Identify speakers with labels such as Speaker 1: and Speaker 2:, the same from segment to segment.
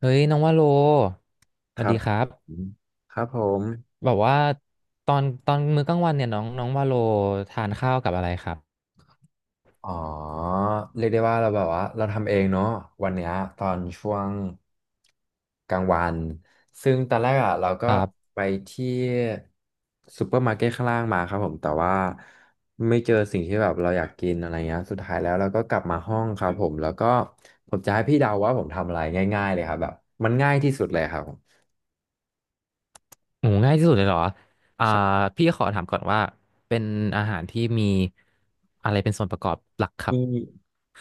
Speaker 1: เฮ้ยน้องว่าโลส
Speaker 2: ค
Speaker 1: วัส
Speaker 2: รั
Speaker 1: ดี
Speaker 2: บ
Speaker 1: ค
Speaker 2: ผ
Speaker 1: รับ
Speaker 2: มครับผม
Speaker 1: แบบว่าตอนมื้อกลางวันเนี่ยน้องน้องว่าโลทานข้าวกับอะไรครับ
Speaker 2: อ๋อเรียกได้ว่าเราแบบว่าเราทำเองเนาะวันเนี้ยตอนช่วงกลางวัน ซึ่งตอนแรกอ่ะเราก็
Speaker 1: ครับ
Speaker 2: ไปที่ซูเปอร์มาร์เก็ตข้างล่างมาครับผมแต่ว่าไม่เจอสิ่งที่แบบเราอยากกินอะไรเงี้ยสุดท้ายแล้วเราก็กลับมาห้องครับผม แล้วก็ผมจะให้พี่เดาว่าผมทำอะไรง่ายๆเลยครับแบบมันง่ายที่สุดเลยครับผม
Speaker 1: โอ้ง่ายที่สุดเลยเหรออ่าพี่ขอถามก่อนว่าเป็นอาหารที่มีอะไรเป็นส่วนประกอบหลักครั
Speaker 2: มี
Speaker 1: บ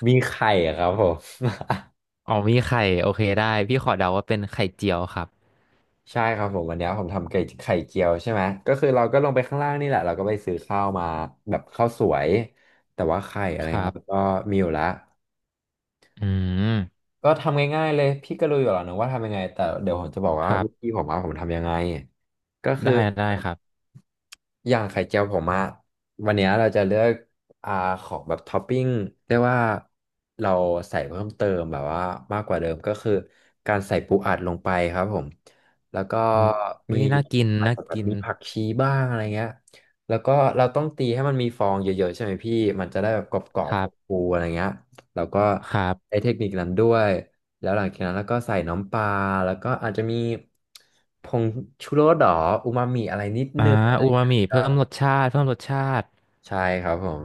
Speaker 2: มีไข่อะครับผม
Speaker 1: อ๋อมีไข่โอเคได้พี่ขอเดาว่าเป็นไข่เจียวครับ
Speaker 2: ใช่ครับผมวันเนี้ยผมทำไก่ไข่เจียวใช่ไหมก็คือเราก็ลงไปข้างล่างนี่แหละเราก็ไปซื้อข้าวมาแบบข้าวสวยแต่ว่าไข่อะไร
Speaker 1: ครั
Speaker 2: เงี้ย
Speaker 1: บ
Speaker 2: ก็มีอยู่ละ
Speaker 1: อืม
Speaker 2: ก็ทำง่ายๆเลยพี่ก็รู้อยู่แล้วนะว่าทำยังไงแต่เดี๋ยวผมจะบอก
Speaker 1: ค
Speaker 2: ว่า
Speaker 1: รั
Speaker 2: วิธี
Speaker 1: บ
Speaker 2: ผมว่าผมทำยังไงก็คือ
Speaker 1: ได้ได้ครับ
Speaker 2: อย่างไข่เจียวผมอะวันเนี้ยเราจะเลือกอ่าของแบบท็อปปิ้งเรียกว่าเราใส่เพิ่มเติมแบบว่ามากกว่าเดิมก็คือการใส่ปูอัดลงไปครับผมแล้วก็
Speaker 1: อุ้ยอุ๊
Speaker 2: มี
Speaker 1: ยน่ากิน
Speaker 2: อาจ
Speaker 1: น่า
Speaker 2: จะแบบ
Speaker 1: กิน
Speaker 2: มีผักชีบ้างอะไรเงี้ยแล้วก็เราต้องตีให้มันมีฟองเยอะๆใช่ไหมพี่มันจะได้แบบกรอ
Speaker 1: ค
Speaker 2: บ
Speaker 1: รั
Speaker 2: ๆฟู
Speaker 1: บ
Speaker 2: ๆอะไรเงี้ยแล้วก็
Speaker 1: ครับ
Speaker 2: ใช้เทคนิคนั้นด้วยแล้วหลังจากนั้นแล้วก็ใส่น้ำปลาแล้วก็อาจจะมีผงชูรสหรออูมามิอะไรนิด
Speaker 1: อ่า
Speaker 2: นึง
Speaker 1: อูมามิเพิ่มรสชาติเพิ่มรสชาติ
Speaker 2: ใช่ครับผม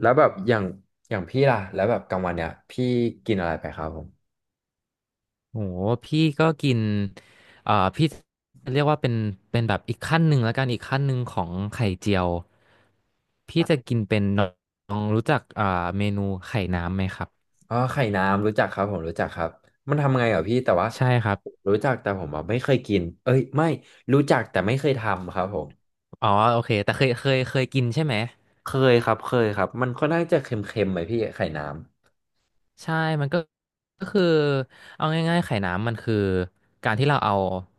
Speaker 2: แล้วแบบอย่างอย่างพี่ล่ะแล้วแบบกลางวันเนี่ยพี่กินอะไรไปครับผม
Speaker 1: โห พี่ก็กินพี่เรียกว่าเป็นแบบอีกขั้นหนึ่งแล้วกันอีกขั้นหนึ่งของไข่เจียว พี่จะกินเป็นน้องรู้จักเมนูไข่น้ำไหมครับ
Speaker 2: ไข่น้ำรู้จักครับผมรู้จักครับมันทำไงเหรอพี่แต่ว่า
Speaker 1: ใช่ครับ
Speaker 2: รู้จักแต่ผมอะไม่เคยกินเอ้ยไม่รู้จักแต่ไม่เคยทำครับผม
Speaker 1: อ๋อ โอเคแต่เคยกินใช่ไหม
Speaker 2: เคยครับเคยครับมันค่อนข้างจะเค็มๆไหมพี่ไข่น้
Speaker 1: ใช่มันก็ก็คือ เอาง่ายๆ ไข่น้ำมันคือ การที่เราเอา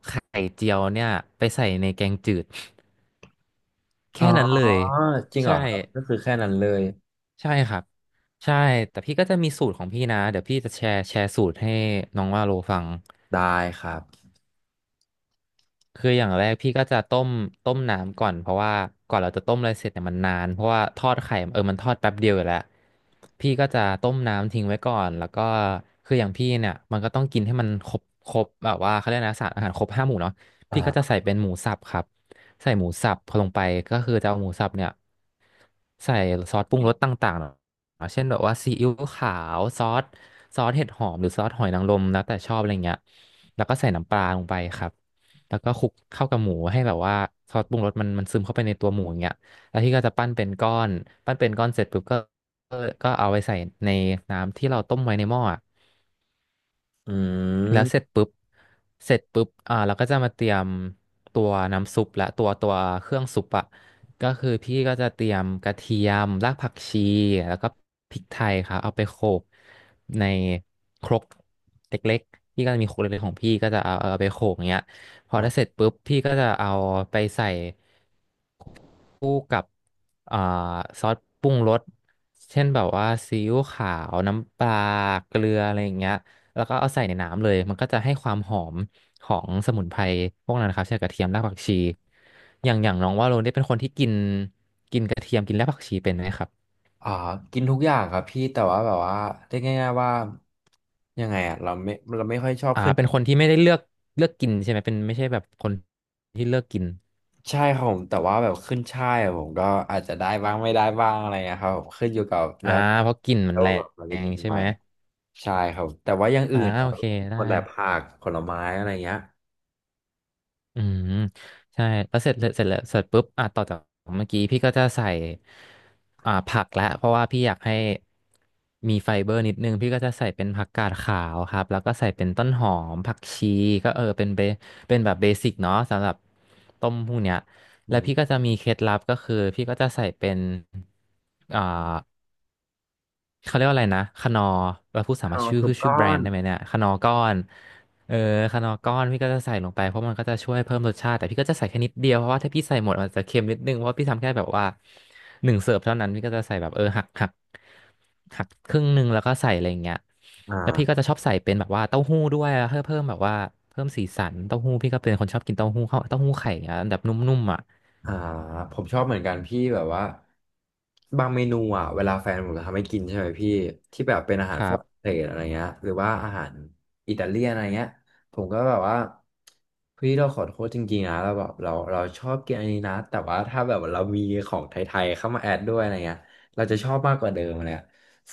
Speaker 1: ไข่เจียวเนี่ยไปใส่ในแกงจืด
Speaker 2: ำ
Speaker 1: แค่นั้นเลย
Speaker 2: จริงเหร
Speaker 1: ใช่
Speaker 2: อครับก็คือแค่นั้นเลย
Speaker 1: ใช่ครับใช่แต่พี่ก็จะมีสูตรของพี่นะเดี๋ยวพี่จะแชร์สูตรให้น้องว่าโลฟัง
Speaker 2: ได้ครับ
Speaker 1: คืออย่างแรกพี่ก็จะต้มน้ำก่อนเพราะว่าก่อนเราจะต้มอะไรเสร็จเนี่ยมันนานเพราะว่าทอดไข่มันทอดแป๊บเดียวอยู่แล้วพี่ก็จะต้มน้ำทิ้งไว้ก่อนแล้วก็คืออย่างพี่เนี่ยมันก็ต้องกินให้มันครบแบบว่าเขาเรียกนะสารอาหารครบห้าหมู่เนาะพี่ก็จะ
Speaker 2: อ่า
Speaker 1: ใส่เป็นหมูสับครับใส่หมูสับพอลงไปก็คือจะเอาหมูสับเนี่ยใส่ซอสปรุงรสต่างๆ เช่นแบบว่าซีอิ๊วขาวซอสซอสเห็ดหอมหรือซอสหอยนางรมแล้วแต่ชอบอะไรเงี้ยแล้วก็ใส่น้ำปลาลงไปครับแล้วก็คลุกเข้ากับหมูให้แบบว่าซอสปรุงรสมันซึมเข้าไปในตัวหมูอย่างเงี้ยแล้วที่ก็จะปั้นเป็นก้อนปั้นเป็นก้อนเสร็จปุ๊บก็ก็เอาไปใส่ในน้ำที่เราต้มไว้ในหม้ออะ
Speaker 2: อื
Speaker 1: แล้วเสร็จ
Speaker 2: ม
Speaker 1: ปุ๊บเสร็จปุ๊บอ่าเราก็จะมาเตรียมตัวน้ำซุปและตัวเครื่องซุปอะก็คือพี่ก็จะเตรียมกระเทียมรากผักชีแล้วก็พริกไทยครับเอาไปโขลกในครกเล็กๆพี่ก็จะมีครกเล็กๆของพี่ก็จะเอาไปโขลกอย่างเงี้ยพอได้เสร็จปุ๊บพี่ก็จะเอาไปใส่ คู่กับอ่าซอสปรุงรสเช่นแบบว่าซีอิ๊วขาวน้ำปลาเกลืออะไรอย่างเงี้ยแล้วก็เอาใส่ในน้ำเลยมันก็จะให้ความหอมของสมุนไพรพวกนั้นนะครับเช่นกระเทียมรากผักชีอย่างอย่างน้องว่าโรนได้เป็นคนที่กินกินกระเทียมกินรากผักชีเป็นไหมครับ
Speaker 2: อ่ากินทุกอย่างครับพี่แต่ว่าแบบว่าเรียกง่ายๆว่ายังไงอ่ะเราไม่ค่อยชอบ
Speaker 1: อ่า
Speaker 2: ขึ้น
Speaker 1: เป็นคนที่ไม่ได้เลือกกินใช่ไหมเป็นไม่ใช่แบบคนที่เลือกกิน
Speaker 2: ใช่ครับผมแต่ว่าแบบขึ้นช่ายอะผมก็อาจจะได้บ้างไม่ได้บ้างอะไรเงี้ยครับผมขึ้นอยู่กับ
Speaker 1: อ่า
Speaker 2: แล้ว
Speaker 1: เพราะกลิ่นมั
Speaker 2: แล้
Speaker 1: นแร
Speaker 2: วาแบบเราไป
Speaker 1: ง
Speaker 2: กิน
Speaker 1: ใช่
Speaker 2: ไหม
Speaker 1: ไหม
Speaker 2: ใช่ครับแต่ว่าอย่างอื่
Speaker 1: อ่า
Speaker 2: นอะ
Speaker 1: โอเค
Speaker 2: ค
Speaker 1: ได้
Speaker 2: นแต่ผักผลไม้อะไรเงี้ย
Speaker 1: อืมใช่แล้วเสร็จแล้วเสร็จปุ๊บอ่ะต่อจากเมื่อกี้พี่ก็จะใส่อ่าผักแล้วเพราะว่าพี่อยากให้มีไฟเบอร์นิดนึงพี่ก็จะใส่เป็นผักกาดขาวครับแล้วก็ใส่เป็นต้นหอมผักชีก็เออเป็นเป็นแบบเบสิกเนาะสำหรับต้มพวกเนี้ย
Speaker 2: อื
Speaker 1: แล้ว
Speaker 2: ม
Speaker 1: พี่ก็จะมีเคล็ดลับก็คือพี่ก็จะใส่เป็นอ่า เขาเรียกว่าอะไรนะคนอร์เราพูดสามาร
Speaker 2: ข้า
Speaker 1: ถ
Speaker 2: ว
Speaker 1: ชื่อ
Speaker 2: สุ
Speaker 1: พู
Speaker 2: ก
Speaker 1: ดชื่อ
Speaker 2: ก้
Speaker 1: แบ
Speaker 2: อ
Speaker 1: รน
Speaker 2: น
Speaker 1: ด์ได้ไหมเนี่ยคนอร์ก้อนเออคนอร์ก้อน พี่ก็จะใส่ลงไปเพราะมันก็จะช่วยเพิ่มรสชาติ แต่พี่ก็จะใส่แค่นิดเดียวเพราะว่าถ้าพี่ใส่หมดมันจะเค็มนิดนึง เพราะว่าพี่ทำแค่แบบว่าหนึ่งเสิร์ฟเท่านั้นพี่ก็จะใส่แบบหักครึ่งหนึ่งแล้วก็ใส่อะไรอย่างเงี้ยแล้วพี่ก็
Speaker 2: อ่า
Speaker 1: จะชอบใส่เป็นแบบว่าเต้าหู้ด้วยเพื่อเพิ่มแบบว่าเพิ่มสีสันเต้าหู้พี่ก็เป็นคนชอบกินเต้าหู้เข้าเต้าหู้ไข่อย่างเงี้ยแบบนุ่มๆอ่ะ
Speaker 2: อ่าผมชอบเหมือนกันพี่แบบว่าบางเมนูอ่ะเวลาแฟนผมทำให้กินใช่ไหมพี่ที่แบบเป็นอา
Speaker 1: ค
Speaker 2: หารฝ
Speaker 1: รั
Speaker 2: รั่งเศ
Speaker 1: บ
Speaker 2: สอะไรเงี้ยหรือว่าอาหารอิตาเลียนอะไรเงี้ยผมก็แบบว่าพี่เราขอโทษจริงๆนะเราแบบเราเราชอบกินอันนี้นะแต่ว่าถ้าแบบเรามีของไทยๆเข้ามาแอดด้วยอะไรเงี้ยเราจะชอบมากกว่าเดิมเลย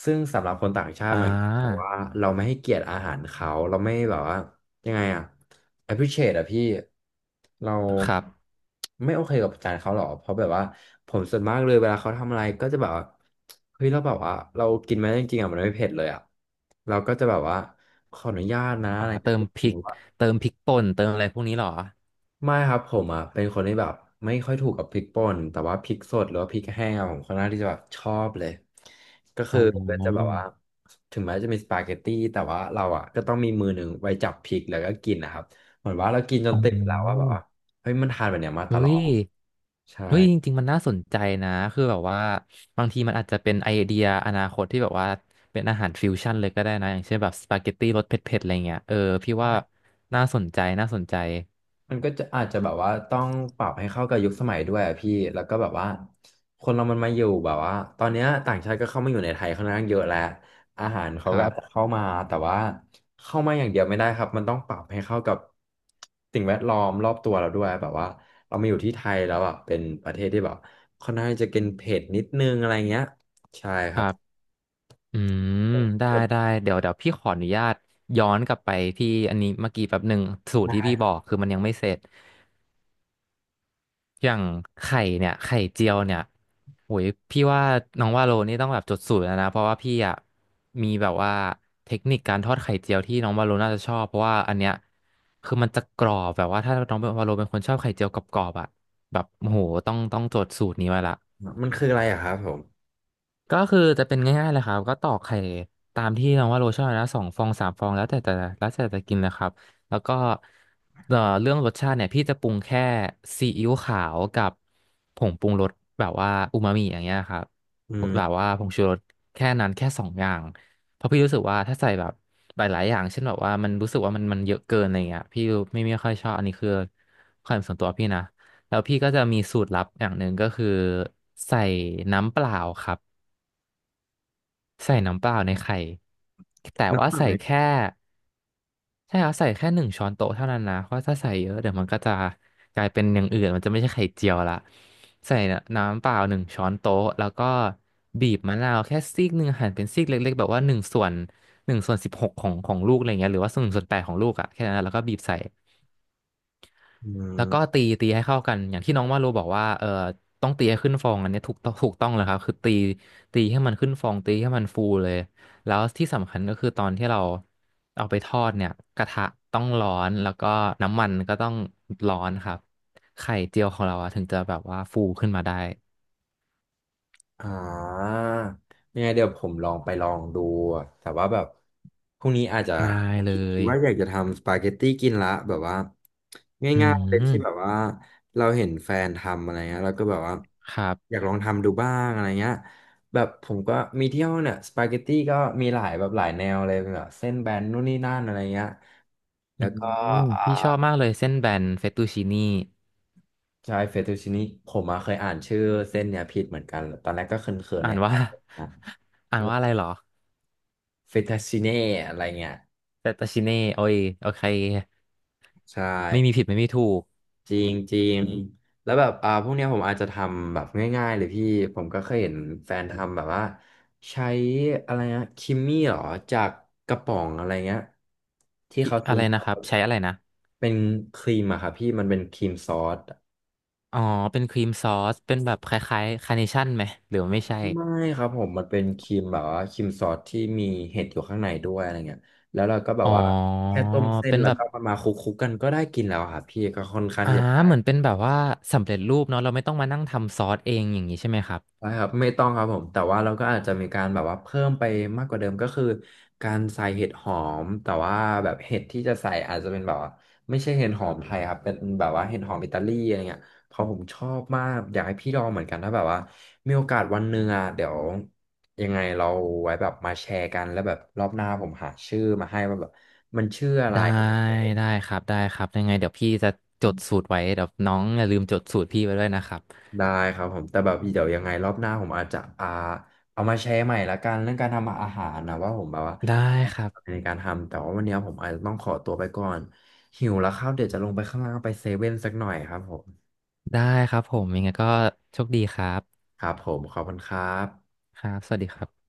Speaker 2: ซึ่งสำหรับคนต่างชา
Speaker 1: อ่
Speaker 2: ติมันบอก
Speaker 1: า
Speaker 2: ว่าเราไม่ให้เกียรติอาหารเขาเราไม่แบบว่ายังไงอะ appreciate อะพี่เรา
Speaker 1: ครับ
Speaker 2: ไม่โอเคกับจานเขาหรอเพราะแบบว่าผมส่วนมากเลยเวลาเขาทำอะไรก็จะแบบว่าเฮ้ยเราแบบว่าเรากินไหมจริงๆอะมันไม่เผ็ดเลยอะเราก็จะแบบว่าขออนุญาตนะอะ
Speaker 1: อ่า
Speaker 2: ไร
Speaker 1: เติ
Speaker 2: เงี้ย
Speaker 1: มพริกเติมพริกป่นเติมอะไรพวกนี้เหรอ
Speaker 2: ไม่ครับผมอ่ะเป็นคนที่แบบไม่ค่อยถูกกับพริกป่นแต่ว่าพริกสดหรือว่าพริกแห้งอะผมค่อนข้างที่จะแบบชอบเลยก็
Speaker 1: อ๋
Speaker 2: คือก็จะแบ
Speaker 1: อ
Speaker 2: บว่าถึงแม้จะมีสปาเกตตี้แต่ว่าเราอ่ะก็ต้องมีมือหนึ่งไว้จับพริกแล้วก็กินนะครับเหมือนว่าเรากินจน
Speaker 1: อ๋
Speaker 2: ติดแล้วว่าแบ
Speaker 1: อ
Speaker 2: บว่าเฮ้ยมันทานแบบเนี้ยมาต
Speaker 1: เฮ้
Speaker 2: ลอ
Speaker 1: ย
Speaker 2: ดใช่
Speaker 1: เฮ้ย จริงๆ มันน่าสนใจนะ คือแบบว่าบางทีมันอาจจะเป็นไอเดียอนาคตที่แบบว่าเป็นอาหารฟิวชั่นเลยก็ได้นะอย่างเช่นแบบสปาเกตตี้รสเผ็ดๆ อะไรเงี้ยเออพี่ว่าน่าสนใจน่าสนใจ
Speaker 2: มันก็จะอาจจะแบบว่าต้องปรับให้เข้ากับยุคสมัยด้วยอะพี่แล้วก็แบบว่าคนเรามันมาอยู่แบบว่าตอนเนี้ยต่างชาติก็เข้ามาอยู่ในไทยค่อนข้างเยอะแล้วอาหารเขา
Speaker 1: ค
Speaker 2: ก็
Speaker 1: รั
Speaker 2: อาจจะ
Speaker 1: บ
Speaker 2: เข้ามาแต่ว่าเข้ามาอย่างเดียวไม่ได้ครับมันต้องปรับให้เข้ากับสิ่งแวดล้อมรอบตัวเราด้วยแบบว่าเรามาอยู่ที่ไทยแล้วอ่ะเป็นประเทศที่แบบค่อนข้างจะกินเผ็ดนิดนึงอะไรเงี้ยใช่
Speaker 1: ค
Speaker 2: ครั
Speaker 1: รั
Speaker 2: บ
Speaker 1: บอืมได้ได้เดี๋ยวเดี๋ยวพี่ขออนุญาตย้อนกลับไปที่อันนี้เมื่อกี้แป๊บหนึ่งสูตรที่
Speaker 2: ได้
Speaker 1: พี่บอ
Speaker 2: ค
Speaker 1: กคือมันยังไม่เสร็จ อย่างไข่เนี่ยไข่เจียวเนี่ยโอ้ยพี่ว่าน้องว่าโลนี่ต้องแบบจดสูตรแล้วนะเพราะว่าพี่อ่ะมีแบบว่าเทคนิคการทอดไข่เจียวที่น้องวาโลน่าจะชอบเพราะว่าอันเนี้ยคือมันจะกรอบแบบว่าถ้าน้องวาโลเป็นคนชอบไข่เจียวกรอบๆอ่ะแบบโอ้โหต้องจดสูตรนี้ไว้ละ
Speaker 2: รับมันคืออะไรอะครับผม
Speaker 1: ก็คือจะเป็นง่ายๆเลยครับก็ตอกไข่ตามที่น้องว่าโรชอบนะสองฟองสามฟองแล้วแต่แล้วแต่จะกินนะครับแล้วก็เรื่องรสชาติเนี่ยพี่จะปรุงแค่ซีอิ๊วขาวกับผงปรุงรสแบบว่าอูมามิอย่างเงี้ยครับ
Speaker 2: อืม
Speaker 1: แบบว่าผงชูรสแค่นั้นแค่สองอย่างเพราะพี่รู้สึกว่าถ้าใส่แบบหลายๆอย่างเช่นแบบว่ามันรู้สึกว่ามันเยอะเกินอะไรเงี้ยพี่ไม่ค่อยชอบอันนี้คือความเห็นส่วนตัวพี่นะแล้วพี่ก็จะมีสูตรลับอย่างหนึ่งก็คือใส่น้ำเปล่าครับ ใส่น้ำเปล่าในไข่แต่ว่า
Speaker 2: น้ำตาล
Speaker 1: ใส่
Speaker 2: ไหม
Speaker 1: แค่ใช่ครับใส่แค่หนึ่งช้อนโต๊ะเท่านั้นนะเพราะถ้าใส่เยอะเดี๋ยวมันก็จะกลายเป็นอย่างอื่นมันจะไม่ใช่ไข่เจียวละใส่น้ำเปล่าหนึ่งช้อนโต๊ะแล้วก็บีบมะนาวแค่ซีกหนึ่งหั่นเป็นซีกเล็กๆแบบว่าหนึ่งส่วนหนึ่งส่วนสิบหกของลูกอะไรเงี้ยหรือว่าส่วนหนึ่งส่วนแปดของลูกอะแค่นั้นแล้วก็บีบใส่
Speaker 2: อื
Speaker 1: แล้วก็
Speaker 2: ม
Speaker 1: ตีให้เข้ากันอย่างที่น้องว่าโลบอกว่าเออต้องตีให้ขึ้นฟองอันเนี้ยถูกต้องเลยครับคือตีให้มันขึ้นฟองตีให้มันฟูเลยแล้วที่สำคัญก็คือตอนที่เราเอาไปทอดเนี่ยกระทะต้องร้อนแล้วก็น้ำมันก็ต้องร้อนครับไข่เจียวของเราอะถึงจะแบบว่าฟูขึ้นมาได้
Speaker 2: อ่ายังไงเดี๋ยวผมลองไปลองดูแต่ว่าแบบพรุ่งนี้อาจจะ
Speaker 1: ได้เล
Speaker 2: คิด
Speaker 1: ย
Speaker 2: ว่าอยากจะทำสปาเกตตี้กินละแบบว่า
Speaker 1: อื
Speaker 2: ง่ายๆเลยที่แบบ
Speaker 1: ม
Speaker 2: ว่าเราเห็นแฟนทำอะไรเงี้ยเราก็แบบว่า
Speaker 1: ครั
Speaker 2: อ
Speaker 1: บ
Speaker 2: ยากลองทำดูบ้างอะไรเงี้ยแบบผมก็มีเที่ยวเนี่ยสปาเกตตี้ก็มีหลายแบบหลายแนวเลยแบบเส้นแบนนู่นนี่นั่นอะไรเงี้ย
Speaker 1: อื
Speaker 2: แล้วก็
Speaker 1: ม
Speaker 2: อ่า
Speaker 1: พี่ชอบมากเลยเส้นแบนเฟตตูชินี่
Speaker 2: ใช่เฟตตูชินี่ผมอะเคยอ่านชื่อเส้นเนี่ยผิดเหมือนกันตอนแรกก็เขินๆ
Speaker 1: อ่า
Speaker 2: ใน
Speaker 1: น
Speaker 2: ไท
Speaker 1: ว่า
Speaker 2: ยนะ
Speaker 1: อ่านว่าอะไรเหรอ
Speaker 2: เฟต t ชิเน่อะไรเงี้ย
Speaker 1: แต่ตาชิเน่โอ้ยโอเค
Speaker 2: ใช่
Speaker 1: ไม่มีผิดไม่มีถูก
Speaker 2: จริงจริงแล้วแบบพวกเนี้ยผมอาจจะทำแบบง่ายๆเลยพี่ผมก็เคยเห็นแฟนทำแบบว่าใช้อะไรนะคิมมี่หรอจากกระป๋องอะไรเงี้ยที่
Speaker 1: อิ
Speaker 2: เขาซื้
Speaker 1: อะ
Speaker 2: อ
Speaker 1: ไรนะ
Speaker 2: มา
Speaker 1: ครับใช้อะไรนะ
Speaker 2: เป็นครีมอะครับพี่มันเป็นครีมซอส
Speaker 1: อ๋อเป็นครีมซอสเป็นแบบคล้ายๆคาร์เนชั่นไหมหรือว่าไม่ใช่
Speaker 2: ไม่ครับผมมันเป็นครีมแบบว่าครีมซอสที่มีเห็ดอยู่ข้างในด้วยอะไรเงี้ยแล้วเราก็แบบ
Speaker 1: อ๋อ
Speaker 2: ว่าแค่ต้มเส้น
Speaker 1: เป็น
Speaker 2: แล้ว
Speaker 1: แบบ
Speaker 2: ก็มาคลุกๆกันก็ได้กินแล้วอะครับพี่ก็ค่อนข้าง
Speaker 1: อ่า
Speaker 2: ที่จะ
Speaker 1: เหมือนเป็นแบบว่าสำเร็จรูปเนาะเราไม่ต้องมานั่งทำซอสเองอย่างนี้ใช่ไหมครับ
Speaker 2: ได้ครับไม่ต้องครับผมแต่ว่าเราก็อาจจะมีการแบบว่าเพิ่มไปมากกว่าเดิมก็คือการใส่เห็ดหอมแต่ว่าแบบเห็ดที่จะใส่อาจจะเป็นแบบว่าไม่ใช่เห็ดหอมไทยครับเป็นแบบว่าเห็ดหอมอิตาลีอะไรเงี้ยเพราะผมชอบมากอยากให้พี่ลองเหมือนกันถ้าแบบว่ามีโอกาสวันหนึ่งอ่ะเดี๋ยวยังไงเราไว้แบบมาแชร์กันแล้วแบบรอบหน้าผมหาชื่อมาให้ว่าแบบมันชื่ออะไร
Speaker 1: ได้ได้ครับยังไงเดี๋ยวพี่จะจดสูตรไว้เดี๋ยวน้องอย่าลืมจดสูตรพี่ไว้ด้วยนะครับ
Speaker 2: ได้ครับผมแต่แบบเดี๋ยวยังไงรอบหน้าผมอาจจะเอามาแชร์ใหม่ละกันเรื่องการทำอาหารนะว่าผมแบบว่า
Speaker 1: ได้ครับ
Speaker 2: ในการทำแต่ว่าวันนี้ผมอาจจะต้องขอตัวไปก่อนหิวแล้วครับเดี๋ยวจะลงไปข้างล่างไปเซเว่นสักหน่อยครับผม
Speaker 1: ได้ครับผมยังไงก็โชคดีครับ
Speaker 2: ครับผมขอบคุณครับ
Speaker 1: ครับสวัสดีครับ